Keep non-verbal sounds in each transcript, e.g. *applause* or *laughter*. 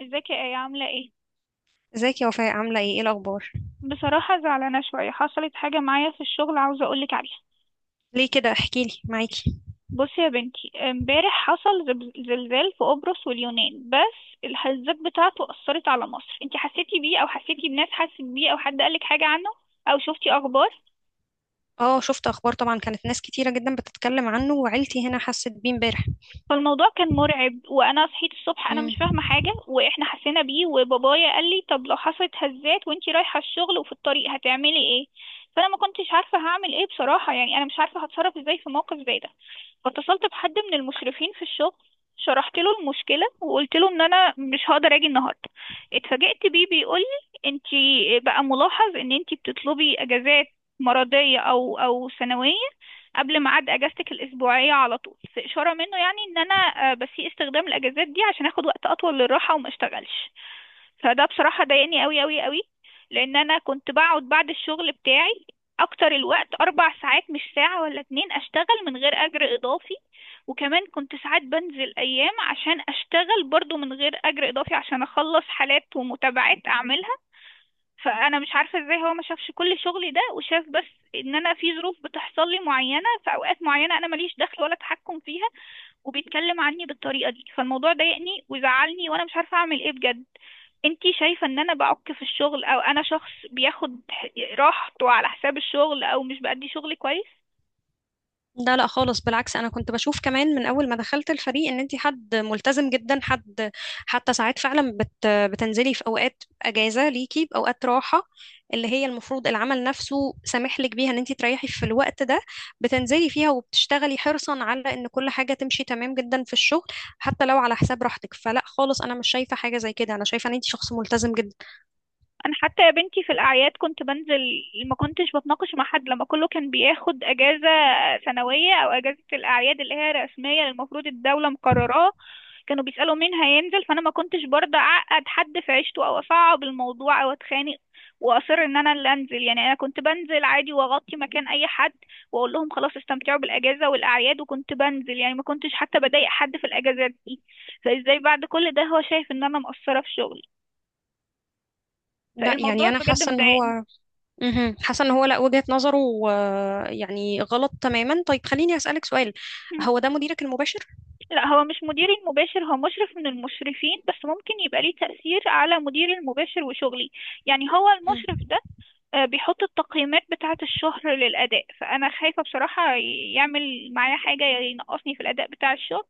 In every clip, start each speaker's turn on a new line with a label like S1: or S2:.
S1: ازيك يا ايه؟ عامله ايه؟
S2: ازيك يا وفاء، عاملة ايه؟ ايه الأخبار؟
S1: بصراحه زعلانه شويه. حصلت حاجه معايا في الشغل عاوزه اقولك عليها.
S2: ليه كده؟ احكيلي معاكي.
S1: بصي يا بنتي، امبارح حصل زلزال في قبرص واليونان، بس الهزات بتاعته اثرت على مصر. انتي حسيتي بيه؟ او حسيتي بناس حست بيه؟ او حد قالك حاجه عنه او شفتي اخبار؟
S2: اه، شفت أخبار طبعا، كانت ناس كتيرة جدا بتتكلم عنه وعيلتي هنا حست بيه امبارح.
S1: فالموضوع كان مرعب. وانا صحيت الصبح انا
S2: مم.
S1: مش فاهمه حاجه، واحنا حسينا بيه. وبابايا قال لي طب لو حصلت هزات وانتي رايحه الشغل وفي الطريق هتعملي ايه؟ فانا ما كنتش عارفه هعمل ايه بصراحه، يعني انا مش عارفه هتصرف ازاي في موقف زي ده. فاتصلت بحد من المشرفين في الشغل، شرحت له المشكلة وقلت له ان انا مش هقدر اجي النهاردة. اتفاجئت بيه بيقول لي انتي بقى ملاحظ ان انتي بتطلبي اجازات مرضية او سنوية قبل ميعاد اجازتك الاسبوعية على طول، في اشارة منه يعني ان انا، بسيء استخدام الاجازات دي عشان اخد وقت اطول للراحة وما اشتغلش. فده بصراحة ضايقني قوي قوي قوي. لأن أنا كنت بقعد بعد الشغل بتاعي أكتر الوقت أربع ساعات، مش ساعة ولا اتنين، أشتغل من غير أجر إضافي. وكمان كنت ساعات بنزل أيام عشان أشتغل برضو من غير أجر إضافي عشان أخلص حالات ومتابعات أعملها. فأنا مش عارفة إزاي هو ما شافش كل شغلي ده وشاف بس إن أنا في ظروف بتحصل لي معينة في أوقات معينة، أنا ماليش دخل ولا تحكم فيها، وبيتكلم عني بالطريقة دي. فالموضوع ضايقني وزعلني وأنا مش عارفة أعمل إيه بجد. انتي شايفة ان انا بعك في الشغل، او انا شخص بياخد راحته على حساب الشغل، او مش بأدي شغلي كويس؟
S2: ده لا خالص، بالعكس، انا كنت بشوف كمان من اول ما دخلت الفريق ان انت حد ملتزم جدا. حد حتى ساعات فعلا بتنزلي في اوقات اجازه ليكي، باوقات راحه اللي هي المفروض العمل نفسه سامح لك بيها ان انت تريحي في الوقت ده، بتنزلي فيها وبتشتغلي حرصا على ان كل حاجه تمشي تمام جدا في الشغل حتى لو على حساب راحتك. فلا خالص، انا مش شايفه حاجه زي كده، انا شايفه ان انت شخص ملتزم جدا.
S1: انا حتى يا بنتي في الاعياد كنت بنزل، ما كنتش بتناقش مع حد. لما كله كان بياخد اجازة سنوية او اجازة الاعياد اللي هي رسمية المفروض الدولة مقرراها، كانوا بيسألوا مين هينزل، فانا ما كنتش برضه اعقد حد في عيشته او اصعب الموضوع او اتخانق، واصر ان انا اللي انزل. يعني انا كنت بنزل عادي واغطي مكان اي حد واقول لهم خلاص استمتعوا بالاجازه والاعياد، وكنت بنزل يعني ما كنتش حتى بضايق حد في الاجازات دي. فازاي بعد كل ده هو شايف ان انا مقصره في شغلي؟
S2: لا يعني
S1: فالموضوع
S2: انا
S1: بجد
S2: حاسه ان
S1: مضايقني.
S2: هو حاسه ان هو لا، وجهه نظره يعني غلط تماما. طيب، خليني اسالك سؤال،
S1: مم.
S2: هو ده مديرك المباشر؟
S1: لا، هو مش مديري المباشر، هو مشرف من المشرفين، بس ممكن يبقى ليه تأثير على مديري المباشر وشغلي. يعني هو
S2: مم.
S1: المشرف ده، بيحط التقييمات بتاعة الشهر للأداء، فأنا خايفة بصراحة يعمل معايا حاجة ينقصني في الأداء بتاع الشهر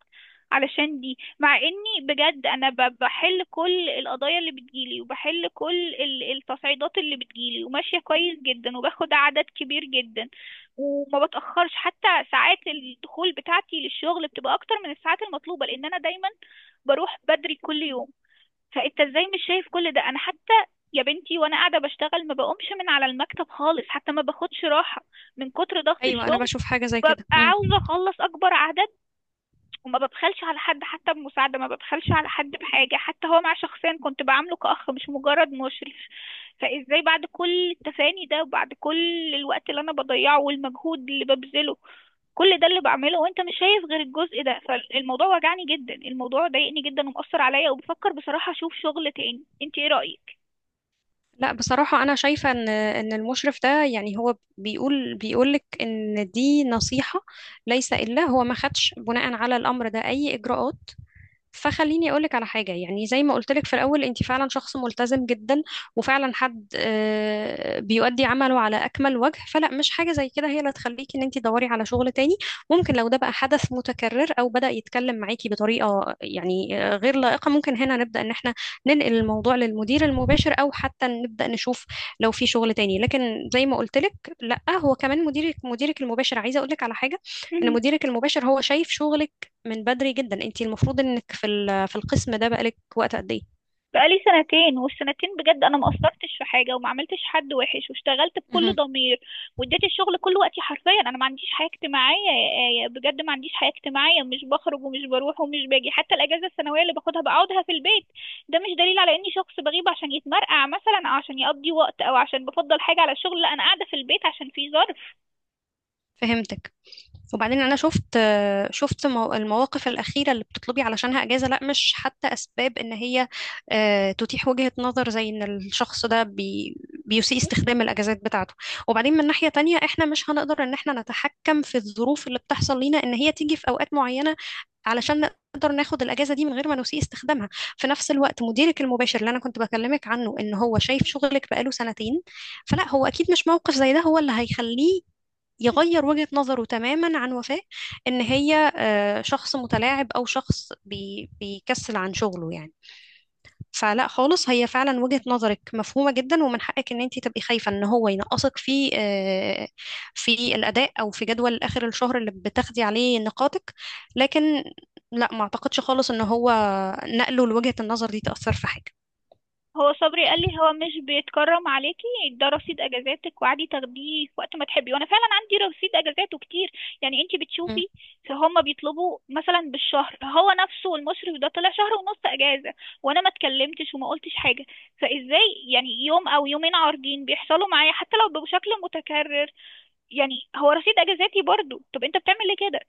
S1: علشان دي. مع إني بجد أنا بحل كل القضايا اللي بتجيلي وبحل كل التصعيدات اللي بتجيلي وماشية كويس جدا وباخد عدد كبير جدا، وما بتأخرش. حتى ساعات الدخول بتاعتي للشغل بتبقى أكتر من الساعات المطلوبة، لأن أنا دايما بروح بدري كل يوم. فانت ازاي مش شايف كل ده؟ انا حتى يا بنتي وانا قاعده بشتغل ما بقومش من على المكتب خالص، حتى ما باخدش راحه من كتر ضغط
S2: ايوه، انا
S1: الشغل.
S2: بشوف حاجه زي
S1: ببقى
S2: كده. مم.
S1: عاوزه اخلص اكبر اعداد، وما ببخلش على حد حتى بمساعده، ما ببخلش على حد بحاجه. حتى هو مع شخصيا كنت بعامله كاخ، مش مجرد مشرف. فازاي بعد كل التفاني ده وبعد كل الوقت اللي انا بضيعه والمجهود اللي ببذله كل ده اللي بعمله، وانت مش شايف غير الجزء ده؟ فالموضوع وجعني جدا، الموضوع ضايقني جدا ومأثر عليا، وبفكر بصراحة اشوف شغل تاني. انت ايه رأيك؟
S2: لا بصراحه، انا شايفه ان المشرف ده يعني هو بيقول لك ان دي نصيحه ليس الا، هو ما خدش بناء على الامر ده اي اجراءات. فخليني اقولك على حاجه، يعني زي ما قلتلك في الاول، انت فعلا شخص ملتزم جدا، وفعلا حد بيؤدي عمله على اكمل وجه، فلا مش حاجه زي كده هي اللي تخليكي ان انت تدوري على شغل تاني. ممكن لو ده بقى حدث متكرر او بدا يتكلم معاكي بطريقه يعني غير لائقه، ممكن هنا نبدا ان احنا ننقل الموضوع للمدير المباشر، او حتى نبدا نشوف لو في شغل تاني. لكن زي ما قلتلك، لا، هو كمان مديرك المباشر. عايزه اقولك على حاجه، ان
S1: مهم.
S2: مديرك المباشر هو شايف شغلك من بدري جدا، انتي المفروض انك في القسم ده بقالك وقت قد ايه.
S1: بقالي سنتين، والسنتين بجد انا ما قصرتش في حاجة وما عملتش حد وحش واشتغلت بكل
S2: مهم.
S1: ضمير. واديت الشغل كل وقتي حرفيا. انا ما عنديش حياة اجتماعية يا آية، بجد ما عنديش حياة اجتماعية. مش بخرج ومش بروح ومش باجي. حتى الاجازة السنوية اللي باخدها بقعدها في البيت. ده مش دليل على اني شخص بغيب عشان يتمرقع مثلا او عشان يقضي وقت او عشان بفضل حاجة على الشغل. لا، انا قاعدة في البيت عشان في ظرف.
S2: فهمتك. وبعدين انا المواقف الاخيره اللي بتطلبي علشانها اجازه، لا مش حتى اسباب ان هي تتيح وجهه نظر زي ان الشخص ده بيسيء استخدام الاجازات بتاعته. وبعدين من ناحيه تانية، احنا مش هنقدر ان احنا نتحكم في الظروف اللي بتحصل لينا ان هي تيجي في اوقات معينه، علشان نقدر ناخد الاجازه دي من غير ما نسيء استخدامها. في نفس الوقت، مديرك المباشر اللي انا كنت بكلمك عنه ان هو شايف شغلك بقاله سنتين، فلا، هو اكيد مش موقف زي ده هو اللي هيخليه يغير وجهة نظره تماما عن وفاء، ان هي شخص متلاعب او شخص بيكسل عن شغله يعني. فلا خالص، هي فعلا وجهة نظرك مفهومة جدا، ومن حقك ان انت تبقي خايفة ان هو ينقصك في في الاداء او في جدول اخر الشهر اللي بتاخدي عليه نقاطك. لكن لا، ما اعتقدش خالص ان هو نقله لوجهة النظر دي تأثر في حاجة.
S1: هو صبري قال لي هو مش بيتكرم عليكي، ده رصيد اجازاتك وعادي تاخديه في وقت ما تحبي. وانا فعلا عندي رصيد اجازات وكتير، يعني انتي
S2: مم.
S1: بتشوفي. فهم بيطلبوا مثلا بالشهر، هو نفسه المشرف ده طلع شهر ونص اجازه وانا ما اتكلمتش وما قلتش حاجه. فازاي يعني يوم او يومين عارضين بيحصلوا معايا حتى لو بشكل متكرر، يعني هو رصيد اجازاتي برضو؟ طب انت بتعمل ليه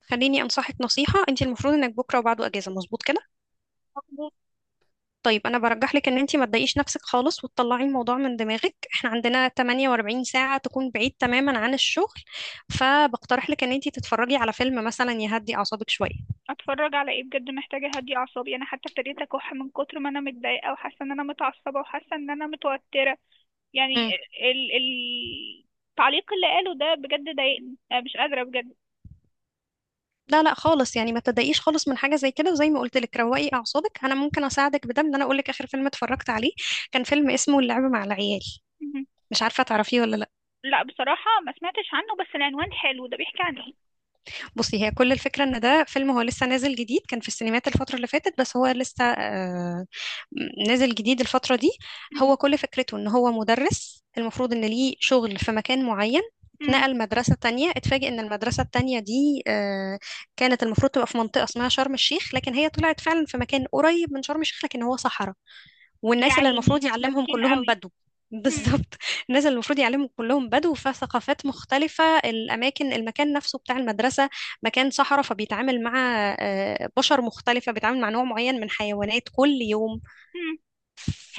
S2: خليني انصحك نصيحة، انت المفروض انك بكرة وبعده اجازة، مظبوط كده؟
S1: كده؟
S2: طيب انا برجح لك ان انت ما تضايقيش نفسك خالص، وتطلعي الموضوع من دماغك. احنا عندنا 48 ساعة تكون بعيد تماما عن الشغل، فبقترح لك ان انت تتفرجي على فيلم مثلا يهدي اعصابك شوية.
S1: اتفرج على ايه؟ بجد محتاجه اهدي اعصابي. انا حتى ابتديت اكح من كتر ما انا متضايقه، وحاسه ان انا متعصبه وحاسه ان انا متوتره يعني.
S2: امم
S1: ال التعليق اللي قاله ده بجد ضايقني. أنا مش قادره بجد.
S2: لا لا خالص، يعني ما تضايقيش خالص من حاجة زي كده، وزي ما قلت لك، روقي اعصابك. انا ممكن اساعدك بده، ان انا اقول لك اخر فيلم اتفرجت عليه، كان فيلم اسمه اللعب مع العيال.
S1: مهم.
S2: مش عارفة تعرفيه ولا لا؟
S1: لا، بصراحه ما سمعتش عنه، بس العنوان حلو. ده بيحكي عن ايه؟
S2: بصي، هي كل الفكرة ان ده فيلم هو لسه نازل جديد، كان في السينمات الفترة اللي فاتت، بس هو لسه نازل جديد الفترة دي.
S1: مهم.
S2: هو كل فكرته ان هو مدرس المفروض ان ليه شغل في مكان معين،
S1: مم.
S2: اتنقل مدرسة تانية، اتفاجئ ان المدرسة التانية دي كانت المفروض تبقى في منطقة اسمها شرم الشيخ، لكن هي طلعت فعلا في مكان قريب من شرم الشيخ لكن هو صحراء،
S1: يا
S2: والناس اللي
S1: عيني،
S2: المفروض يعلمهم
S1: مسكين
S2: كلهم
S1: قوي.
S2: بدو. *laughs*
S1: مم.
S2: بالظبط. الناس اللي المفروض يعلمهم كلهم بدو، فثقافات مختلفة. الأماكن، المكان نفسه بتاع المدرسة مكان صحراء، فبيتعامل مع بشر مختلفة، بيتعامل مع نوع معين من حيوانات كل يوم،
S1: مم.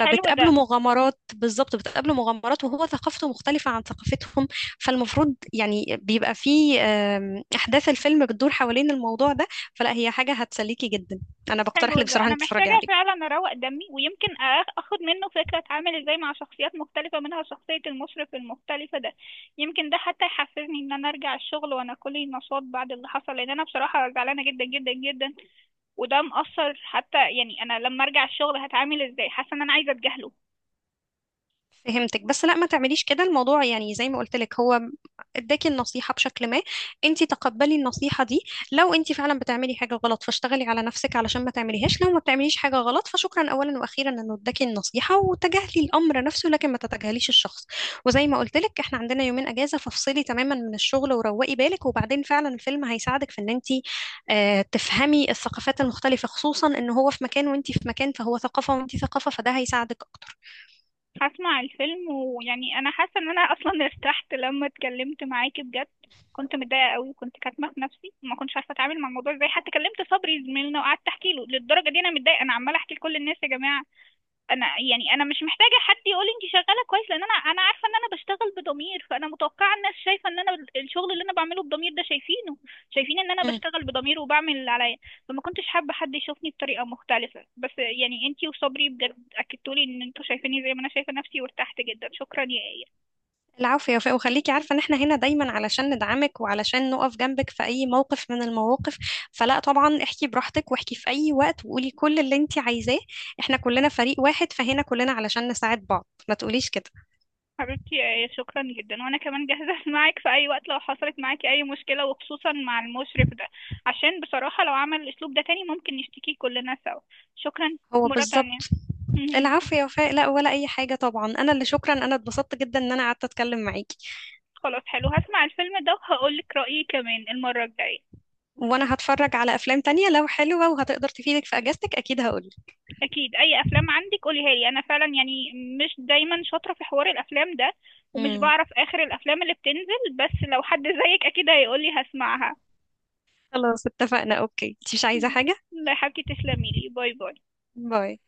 S1: حلو ده.
S2: مغامرات. بالظبط، بتقابله مغامرات وهو ثقافته مختلفة عن ثقافتهم، فالمفروض يعني بيبقى فيه أحداث الفيلم بتدور حوالين الموضوع ده. فلا، هي حاجة هتسليكي جدا، أنا بقترح
S1: حلو
S2: لك
S1: ده،
S2: بصراحة
S1: انا
S2: أنت
S1: محتاجه
S2: تتفرجي عليه.
S1: فعلا اروق دمي، ويمكن اخد منه فكره اتعامل ازاي مع شخصيات مختلفه، منها شخصيه المشرف المختلفه ده. يمكن ده حتى يحفزني ان انا ارجع الشغل وانا كلي نشاط بعد اللي حصل، لان انا بصراحه زعلانه جدا جدا جدا. وده مأثر حتى، يعني انا لما ارجع الشغل هتعامل ازاي؟ حاسه ان انا عايزه اتجاهله.
S2: فهمتك، بس لا ما تعمليش كده. الموضوع يعني زي ما قلت لك، هو اداكي النصيحة بشكل ما، انت تقبلي النصيحة دي. لو انت فعلا بتعملي حاجة غلط، فاشتغلي على نفسك علشان ما تعمليهاش. لو ما بتعمليش حاجة غلط، فشكرا اولا واخيرا انه اداكي النصيحة، وتجاهلي الامر نفسه لكن ما تتجاهليش الشخص. وزي ما قلت لك، احنا عندنا يومين اجازة، فافصلي تماما من الشغل وروقي بالك. وبعدين فعلا الفيلم هيساعدك في ان انت تفهمي الثقافات المختلفة، خصوصا ان هو في مكان وانت في مكان، فهو ثقافة وانت ثقافة، فده هيساعدك اكتر.
S1: هسمع الفيلم. ويعني انا حاسه ان انا اصلا *laughs* ارتحت لما اتكلمت معاكي بجد. كنت متضايقه قوي وكنت كاتمه في نفسي وما كنتش عارفه اتعامل مع الموضوع ازاي. حتى كلمت صبري زميلنا وقعدت احكي له للدرجه دي انا متضايقه. انا عماله احكي لكل الناس يا جماعه. انا يعني انا مش محتاجه حد يقول لي انت شغاله كويس، لان انا عارفه ان انا بشتغل بضمير. فانا متوقعه الناس شايفه ان انا الشغل اللي انا بعمله بضمير ده شايفينه، شايفين ان انا بشتغل بضمير وبعمل اللي عليا. فما كنتش حابه حد يشوفني بطريقه مختلفه، بس يعني انت وصبري بجد اكدتولي ان انتوا شايفيني زي ما انا شايفه نفسي، وارتحت جدا. شكرا يا ايه.
S2: العفو يا وفاء، وخليكي عارفة ان احنا هنا دايما علشان ندعمك وعلشان نقف جنبك في اي موقف من المواقف. فلا طبعا، احكي براحتك، واحكي في اي وقت، وقولي كل اللي انت عايزاه. احنا كلنا فريق واحد، فهنا كلنا علشان نساعد بعض، ما تقوليش كده.
S1: حبيبتي يا ايه شكرا جدا. وانا كمان جاهزه *laughs* معاك في اي وقت لو حصلت معاكي اي مشكله، وخصوصا مع المشرف ده. عشان بصراحه لو عمل الاسلوب ده تاني ممكن نشتكي كلنا سوا. شكرا
S2: هو
S1: مرة
S2: بالظبط.
S1: تانية. مهم.
S2: العفو يا وفاء، لا ولا اي حاجة طبعا، انا اللي شكرا، انا اتبسطت جدا ان انا قعدت اتكلم معاكي.
S1: خلاص حلو، هسمع الفيلم ده وهقول لك رأيي كمان المرة الجاية.
S2: وانا هتفرج على افلام تانية لو حلوة وهتقدر تفيدك في اجازتك، اكيد هقولك.
S1: أكيد أي أفلام عندك قوليها لي. أنا فعلا يعني مش دايما شاطرة في حوار الأفلام ده ومش
S2: امم،
S1: بعرف آخر الأفلام اللي بتنزل، بس لو حد زيك أكيد هيقولي هسمعها.
S2: خلاص، اتفقنا. اوكي، انت مش عايزة حاجة؟
S1: لا يا حبيبتي، تسلمي لي. باي باي.
S2: باي.